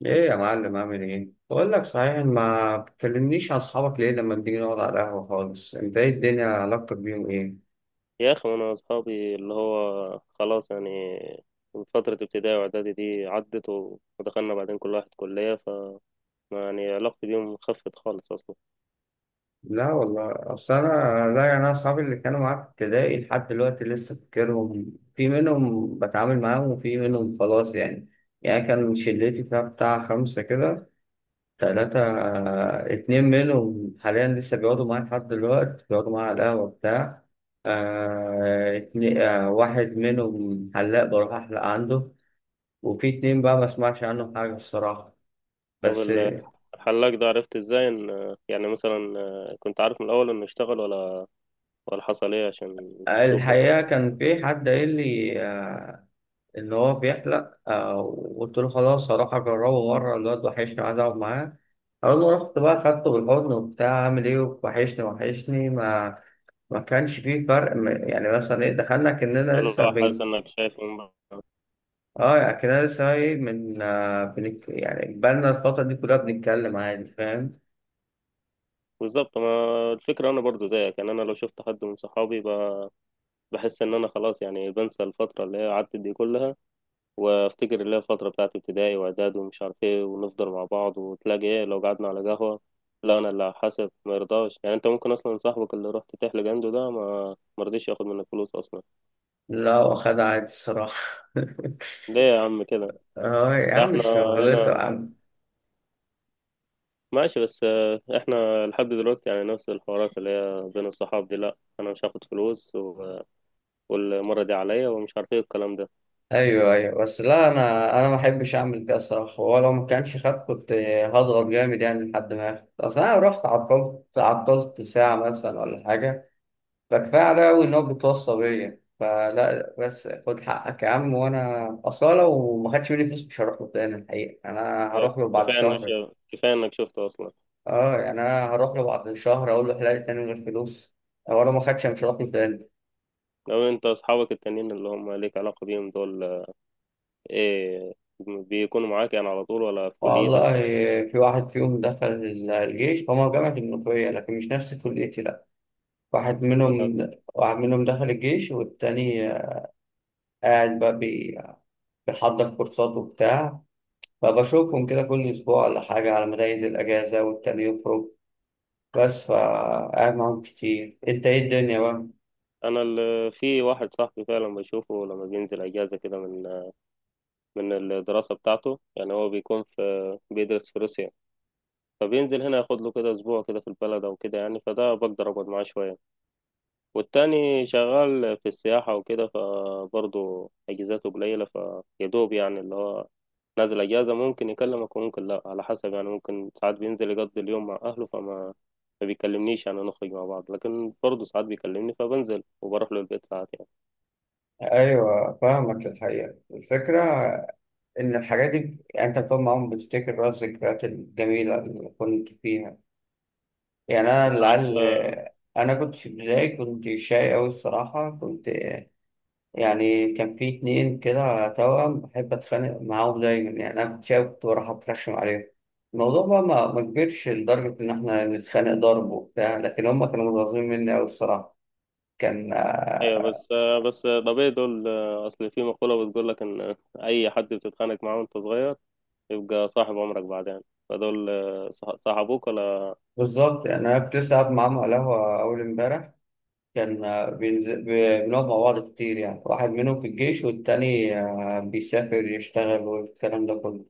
ايه يا معلم، عامل ايه؟ بقول لك صحيح، ما بتكلمنيش عن اصحابك ليه لما بنيجي نقعد على القهوة خالص؟ انت ايه الدنيا، علاقتك بيهم ايه؟ يا أخي أنا أصحابي اللي هو خلاص يعني من فترة ابتدائي وإعدادي دي عدت و- ودخلنا بعدين كل واحد كلية ف يعني علاقتي بيهم خفت خالص أصلا. لا والله، اصل انا، لا يعني انا اصحابي اللي كانوا معاك في ابتدائي لحد دلوقتي لسه فاكرهم، في منهم بتعامل معاهم وفي منهم خلاص يعني. يعني كان شلتي فيها بتاع خمسة كده، تلاتة، اتنين منهم حاليا لسه بيقعدوا معايا لحد دلوقتي بيقعدوا معايا على القهوة بتاع. آه، اتنين. آه، واحد منهم حلاق بروح أحلق عنده، وفي اتنين بقى ما اسمعش عنهم حاجة الصراحة. طب بس الحلاق ده عرفت إزاي إن يعني مثلا كنت عارف من الأول إنه اشتغل ولا حصل إيه عشان تشوفه؟ الحقيقة كان في حد قايل لي، إن هو بيحلق، وقلت له خلاص هروح أجربه مرة، الواد وحشني عايز أقعد معاه. أول ما رحت بقى خدته بالحضن وبتاع، عامل إيه، وحشني وحشني، ما كانش فيه فرق يعني مثلا إيه، دخلنا كأننا قال له لسه حاسس بن إنك شايفه من بعيد. آه، يعني كأننا لسه إيه من بنك، يعني بقالنا الفترة دي كلها بنتكلم عادي، فاهم. بالظبط، ما الفكرة أنا برضو زيك يعني أنا لو شفت حد من صحابي بحس إن أنا خلاص يعني بنسى الفترة اللي هي عدت دي كلها وافتكر اللي هي الفترة بتاعت ابتدائي واعدادي ومش عارف ايه، ونفضل مع بعض وتلاقي ايه لو قعدنا على قهوة. لا انا اللي هحاسب، ما يرضاش يعني، انت ممكن اصلا صاحبك اللي رحت تحلق عنده ده ما مرضيش ياخد منك فلوس اصلا. لا، واخدها عادي الصراحة. ليه يا عم كده؟ اه يا لا عم، احنا مش شغلته يا هنا عم. ماشي بس احنا لحد دلوقتي يعني نفس الحوارات اللي هي بين الصحاب دي، لا انا مش هاخد فلوس و- والمرة دي عليا ومش عارف ايه الكلام ده. ايوه ايوه، بس لا انا، ما احبش اعمل كده الصراحه، ولو ما كانش خد كنت هضغط جامد يعني لحد ما ياخد، اصل انا رحت عطلت ساعه مثلا ولا حاجه. فكفايه عليا قوي ان هو بيتوصى بيا، فلا بس خد حقك يا عم، وانا اصلا لو ما خدش مني فلوس مش هروح له تاني الحقيقه، انا آه، هروح له بعد كفاية انك شهر. كفاية انك شفته اصلا. اه يعني انا هروح له بعد شهر اقول له حلال، تاني من غير فلوس، ولو ما خدش أنا مش هروح له تاني. لو انت اصحابك التانيين اللي هم ليك علاقة بيهم دول، إيه، بيكونوا معاك يعني على طول ولا في والله كليتك ولا؟ في واحد فيهم دخل الجيش، هما جامعة المنوفية لكن مش نفس كليتي لأ. واحد منهم، واحد منهم دخل الجيش، والتاني قاعد بقى بيحضر كورسات وبتاع. فبشوفهم كده كل أسبوع ولا حاجة على مدايز الأجازة، والتاني يخرج بس، فقاعد معاهم كتير. أنت إيه الدنيا بقى؟ أنا في واحد صاحبي فعلا بشوفه لما بينزل أجازة كده من من الدراسة بتاعته، يعني هو بيكون في بيدرس في روسيا، فبينزل هنا ياخد له كده أسبوع كده في البلد أو كده، يعني فده بقدر أقعد معاه شوية. والتاني شغال في السياحة وكده فبرضه أجازاته قليلة، فيدوب يعني اللي هو نازل أجازة ممكن يكلمك وممكن لأ على حسب، يعني ممكن ساعات بينزل يقضي اليوم مع أهله فما ما بيكلمنيش يعني نخرج مع بعض، لكن برضه ساعات بيكلمني فبنزل وبروح له البيت ساعات يعني. أيوة فاهمك الحقيقة، الفكرة إن الحاجات دي أنت بتقعد معاهم بتفتكر بقى الذكريات الجميلة اللي كنت فيها. يعني أنا العيال، أنا كنت في البداية كنت شاي أوي الصراحة، كنت يعني كان في اتنين كده توأم بحب أتخانق معاهم دايما، يعني أنا كنت شاي كنت بروح أترخم عليهم. الموضوع بقى ما كبرش لدرجة إن إحنا نتخانق ضرب وبتاع، لكن هما كانوا متغاظين مني أوي الصراحة. كان أيوة. بس طبيعي دول، أصل في مقولة بتقول لك إن أي حد بتتخانق معاه وأنت صغير يبقى صاحب عمرك بعدين، فدول صاحبوك ولا؟ بالظبط يعني، أنا كنت لسه قاعد معاهم على القهوة أول إمبارح. كان بينزل، بنقعد مع بعض كتير، يعني واحد منهم في الجيش والتاني بيسافر يشتغل، والكلام ده كله.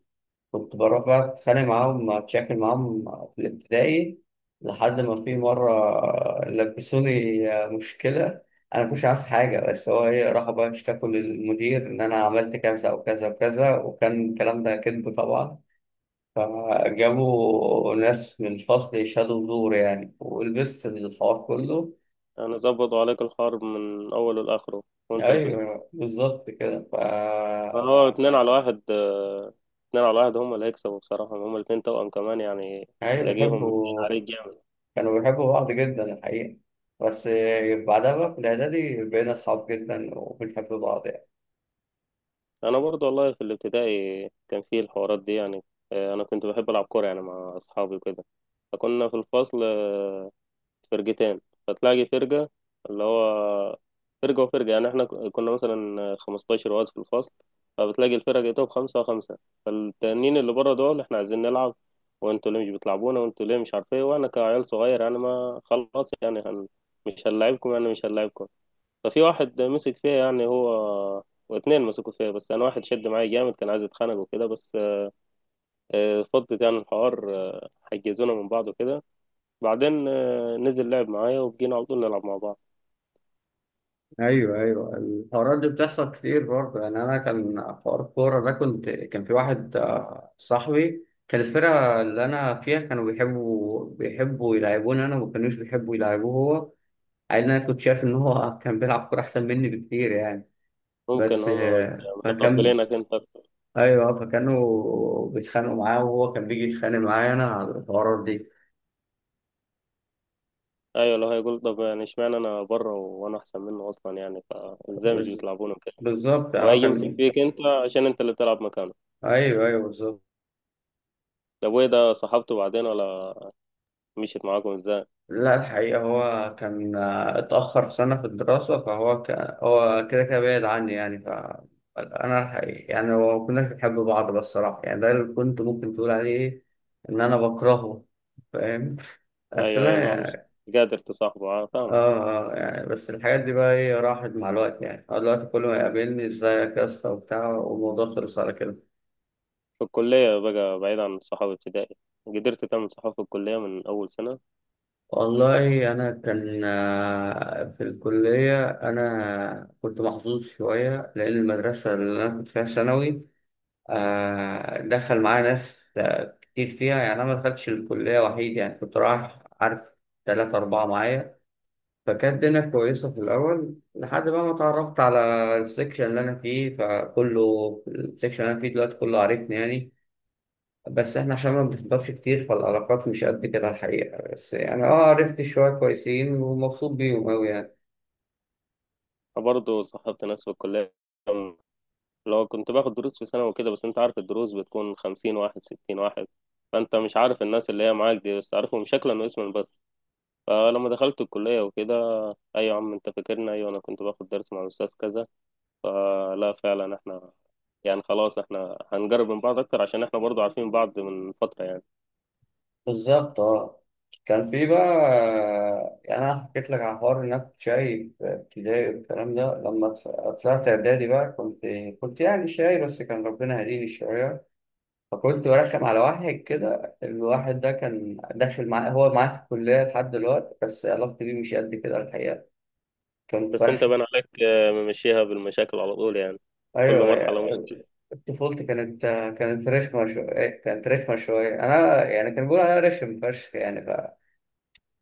كنت بروح بقى أتخانق معاهم أتشاكل معاهم في الابتدائي، لحد ما في مرة لبسوني مشكلة، أنا مكنتش عارف حاجة، بس هو إيه راحوا بقى اشتكوا للمدير إن أنا عملت كذا وكذا وكذا، وكان الكلام ده كذب طبعا. فجابوا ناس من الفصل يشهدوا زور يعني، ولبست الحوار كله. يعني ظبطوا عليك الحرب من أوله لآخره وأنت لبست. أيوه بالظبط كده فا، فهو اتنين على واحد. اتنين على واحد هما اللي هيكسبوا بصراحة، هما الاتنين توأم كمان يعني أيوه تلاقيهم باين بحبه. عليك جامد. كانوا بيحبوا بعض جدا الحقيقة، بس بعدها بقى في الإعدادي بقينا أصحاب جدا وبنحب بعض يعني. أنا برضو والله في الابتدائي كان فيه الحوارات دي يعني. أنا كنت بحب ألعب كورة يعني مع أصحابي وكده، فكنا في الفصل فرقتين، فتلاقي فرقة، اللي هو فرقة وفرقة، يعني احنا كنا مثلا 15 واد في الفصل، فبتلاقي الفرق بتاعتهم خمسة وخمسة، فالتانيين اللي بره دول احنا عايزين نلعب، وانتوا ليه مش بتلعبونا، وانتوا ليه مش عارف ايه، وانا كعيال صغير يعني ما خلاص يعني هن مش هنلعبكم. ففي واحد مسك فيها يعني هو، واتنين مسكوا فيها، بس انا واحد شد معايا جامد كان عايز يتخانق وكده، بس فضت يعني الحوار، حجزونا من بعض وكده. بعدين نزل لعب معايا وبقينا على طول نلعب مع بعض. ايوه ايوه، الحوارات دي بتحصل كتير برضه، يعني أنا كان حوار الكورة ده، كنت كان في واحد صاحبي، كان الفرقة اللي أنا فيها كانوا بيحبوا يلعبوني أنا، وما كانوش بيحبوا يلعبوه هو، عيل. أنا كنت شايف إن هو كان بيلعب كورة أحسن مني بكتير يعني. ممكن بس هم فكان، متقبلينك انت أكتر. أيوه فكانوا بيتخانقوا معاه، وهو كان بيجي يتخانق معايا أنا على الحوارات دي. ايوه، لو هيقول طب يعني اشمعنى انا بره وانا احسن منه اصلا، يعني فازاي مش بس بيطلعوني كده، بالظبط هو وهيجي يمسك كان، فيك انت عشان انت اللي تلعب مكانه. ايوه ايوه بالظبط. طب وايه ده، صاحبته بعدين ولا مشيت معاكم ازاي؟ لا الحقيقة هو كان اتأخر سنة في الدراسة، هو كده كده بعيد عني يعني ف، أنا الحقيقة يعني ما كناش بنحب بعض، بس الصراحة يعني ده اللي كنت ممكن تقول عليه إن أنا بكرهه، فاهم. بس ايوه لا اللي هو مش يعني، قادر تصاحبه، اه فاهمك. يعني بس الحاجات دي بقى إيه راحت مع الوقت، يعني هو دلوقتي كل ما يقابلني إزيك يا اسطى وبتاع، والموضوع خلص على كده. في الكلية بقى بعيد عن صحاب ابتدائي، قدرت تعمل صحاب في الكلية من أول سنة؟ والله أنا كان في الكلية، أنا كنت محظوظ شوية لأن المدرسة اللي أنا كنت فيها ثانوي دخل معايا ناس، كتير فيها، يعني أنا ما دخلتش الكلية وحيد، يعني كنت رايح عارف تلاتة أربعة معايا. فكانت الدنيا كويسة في الأول لحد بقى ما اتعرفت على السكشن اللي أنا فيه، فكله السكشن اللي أنا فيه دلوقتي كله عارفني يعني، بس احنا عشان ما بنحضرش كتير فالعلاقات مش قد كده الحقيقة، بس يعني اه عرفت شوية كويسين ومبسوط بيهم أوي يعني. برضه صاحبت ناس في الكلية لو كنت باخد دروس في ثانوي وكده، بس انت عارف الدروس بتكون خمسين واحد ستين واحد، فانت مش عارف الناس اللي هي معاك دي، بس عارفهم شكلا واسما بس. فلما دخلت الكلية وكده، ايوه يا عم انت فاكرنا، ايوه انا كنت باخد درس مع الاستاذ كذا، فلا فعلا احنا يعني خلاص احنا هنقرب من بعض اكتر عشان احنا برضو عارفين بعض من فترة يعني. بالظبط اه. كان في بقى يعني، أنا حكيت لك على حوار إنك كنت شاي في ابتدائي والكلام ده، لما طلعت إعدادي بقى كنت، يعني شاي، بس كان ربنا هديني شوية. فكنت برخم على واحد كده، الواحد ده كان داخل معاه، هو معاه في الكلية لحد دلوقتي، بس علاقتي بيه مش قد كده الحقيقة، كنت بس انت برخم. بان عليك ممشيها بالمشاكل على طول يعني، كل مرحلة أيوه مشكلة. طفولتي كانت، كانت رخمة شوية أنا يعني، كان بيقولوا عليا رخم فشخ يعني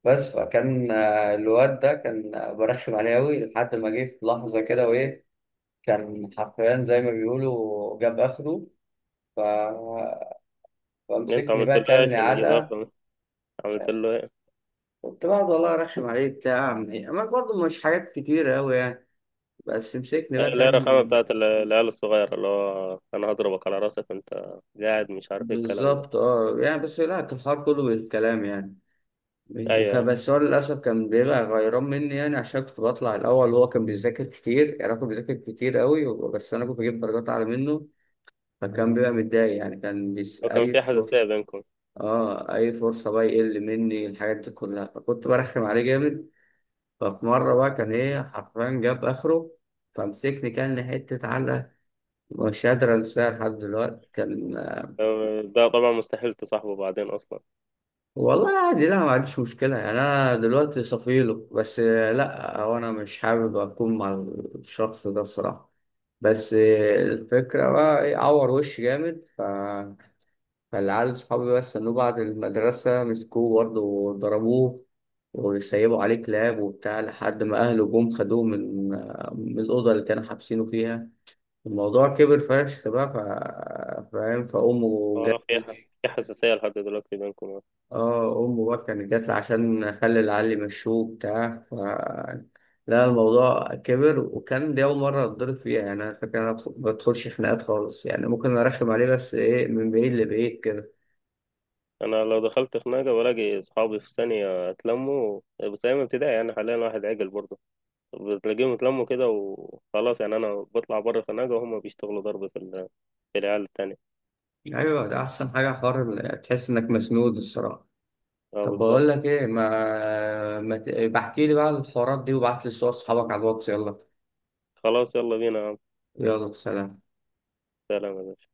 بس فكان الواد ده كان برخم عليه أوي، لحد ما جه في لحظة كده وإيه كان حرفيا زي ما بيقولوا جاب آخره، ف... انت فمسكني عملت له بقى ايه كلني عشان يجيب علقة. اخر عملت له ايه كنت بقعد والله أرخم عليه بتاع، أما برضه مش حاجات كتيرة أوي يعني، بس مسكني هي بقى، اللي هي كان الرخامة بتاعت العيال الصغيرة، اللي هو أنا هضربك على راسك، أنت قاعد مش عارف إيه الكلام ده. بالظبط أه يعني. بس لا كان الحوار كله بالكلام يعني. أيوه، وكان بس هو للأسف كان بيبقى غيران مني يعني، عشان كنت بطلع الأول وهو كان بيذاكر كتير، يعني هو كان بيذاكر كتير قوي. بس أنا كنت بجيب درجات أعلى منه، فكان بيبقى متضايق يعني، كان بيس وكان أي في حساسية فرصة، بينكم. آه أي فرصة بقى يقل مني، الحاجات دي كلها فكنت برخم عليه جامد. ففي مرة بقى كان إيه حرفيا جاب آخره، فمسكني كان حتة علقة مش قادر أنساها لحد دلوقتي كان. ده طبعا مستحيل تصاحبه بعدين أصلا. والله عادي، لا ما عنديش مشكلة يعني، أنا دلوقتي صفيله، بس لا هو أنا مش حابب أكون مع الشخص ده الصراحة. بس الفكرة بقى إيه عور وش جامد فالعيال صحابي بس إنه بعد المدرسة مسكوه برضه وضربوه وسيبوا عليه كلاب وبتاع، لحد ما أهله جم خدوه من من الأوضة اللي كانوا حابسينه فيها. الموضوع كبر فشخ بقى فاهم، فأمه هو جت. في في حساسية لحد دلوقتي بينكم؟ اه امه بقى كانت جات لي عشان اخلي علي مشوه بتاع، ف لا الموضوع كبر، وكان دي اول مره اتضرب فيها يعني، انا فاكر انا ما بدخلش خناقات خالص يعني، ممكن ارخم عليه بس ايه من بعيد لبعيد كده. أنا لو دخلت خناقة بلاقي صحابي في ثانية اتلموا، بس أيام ابتدائي يعني، حاليا واحد عاقل برضه، بتلاقيهم اتلموا كده وخلاص، يعني أنا بطلع بره خناقة وهم بيشتغلوا ضرب في في العيال التانية. ايوه ده احسن حاجه حوار تحس انك مسنود الصراحه. أه طب بالظبط. بقول لك ايه ما, ما... ت- بحكي لي بقى الحوارات دي، وبعت لي صور اصحابك على الواتس، يلا. خلاص يلا بينا يا عم. يلا سلام. سلام يا باشا.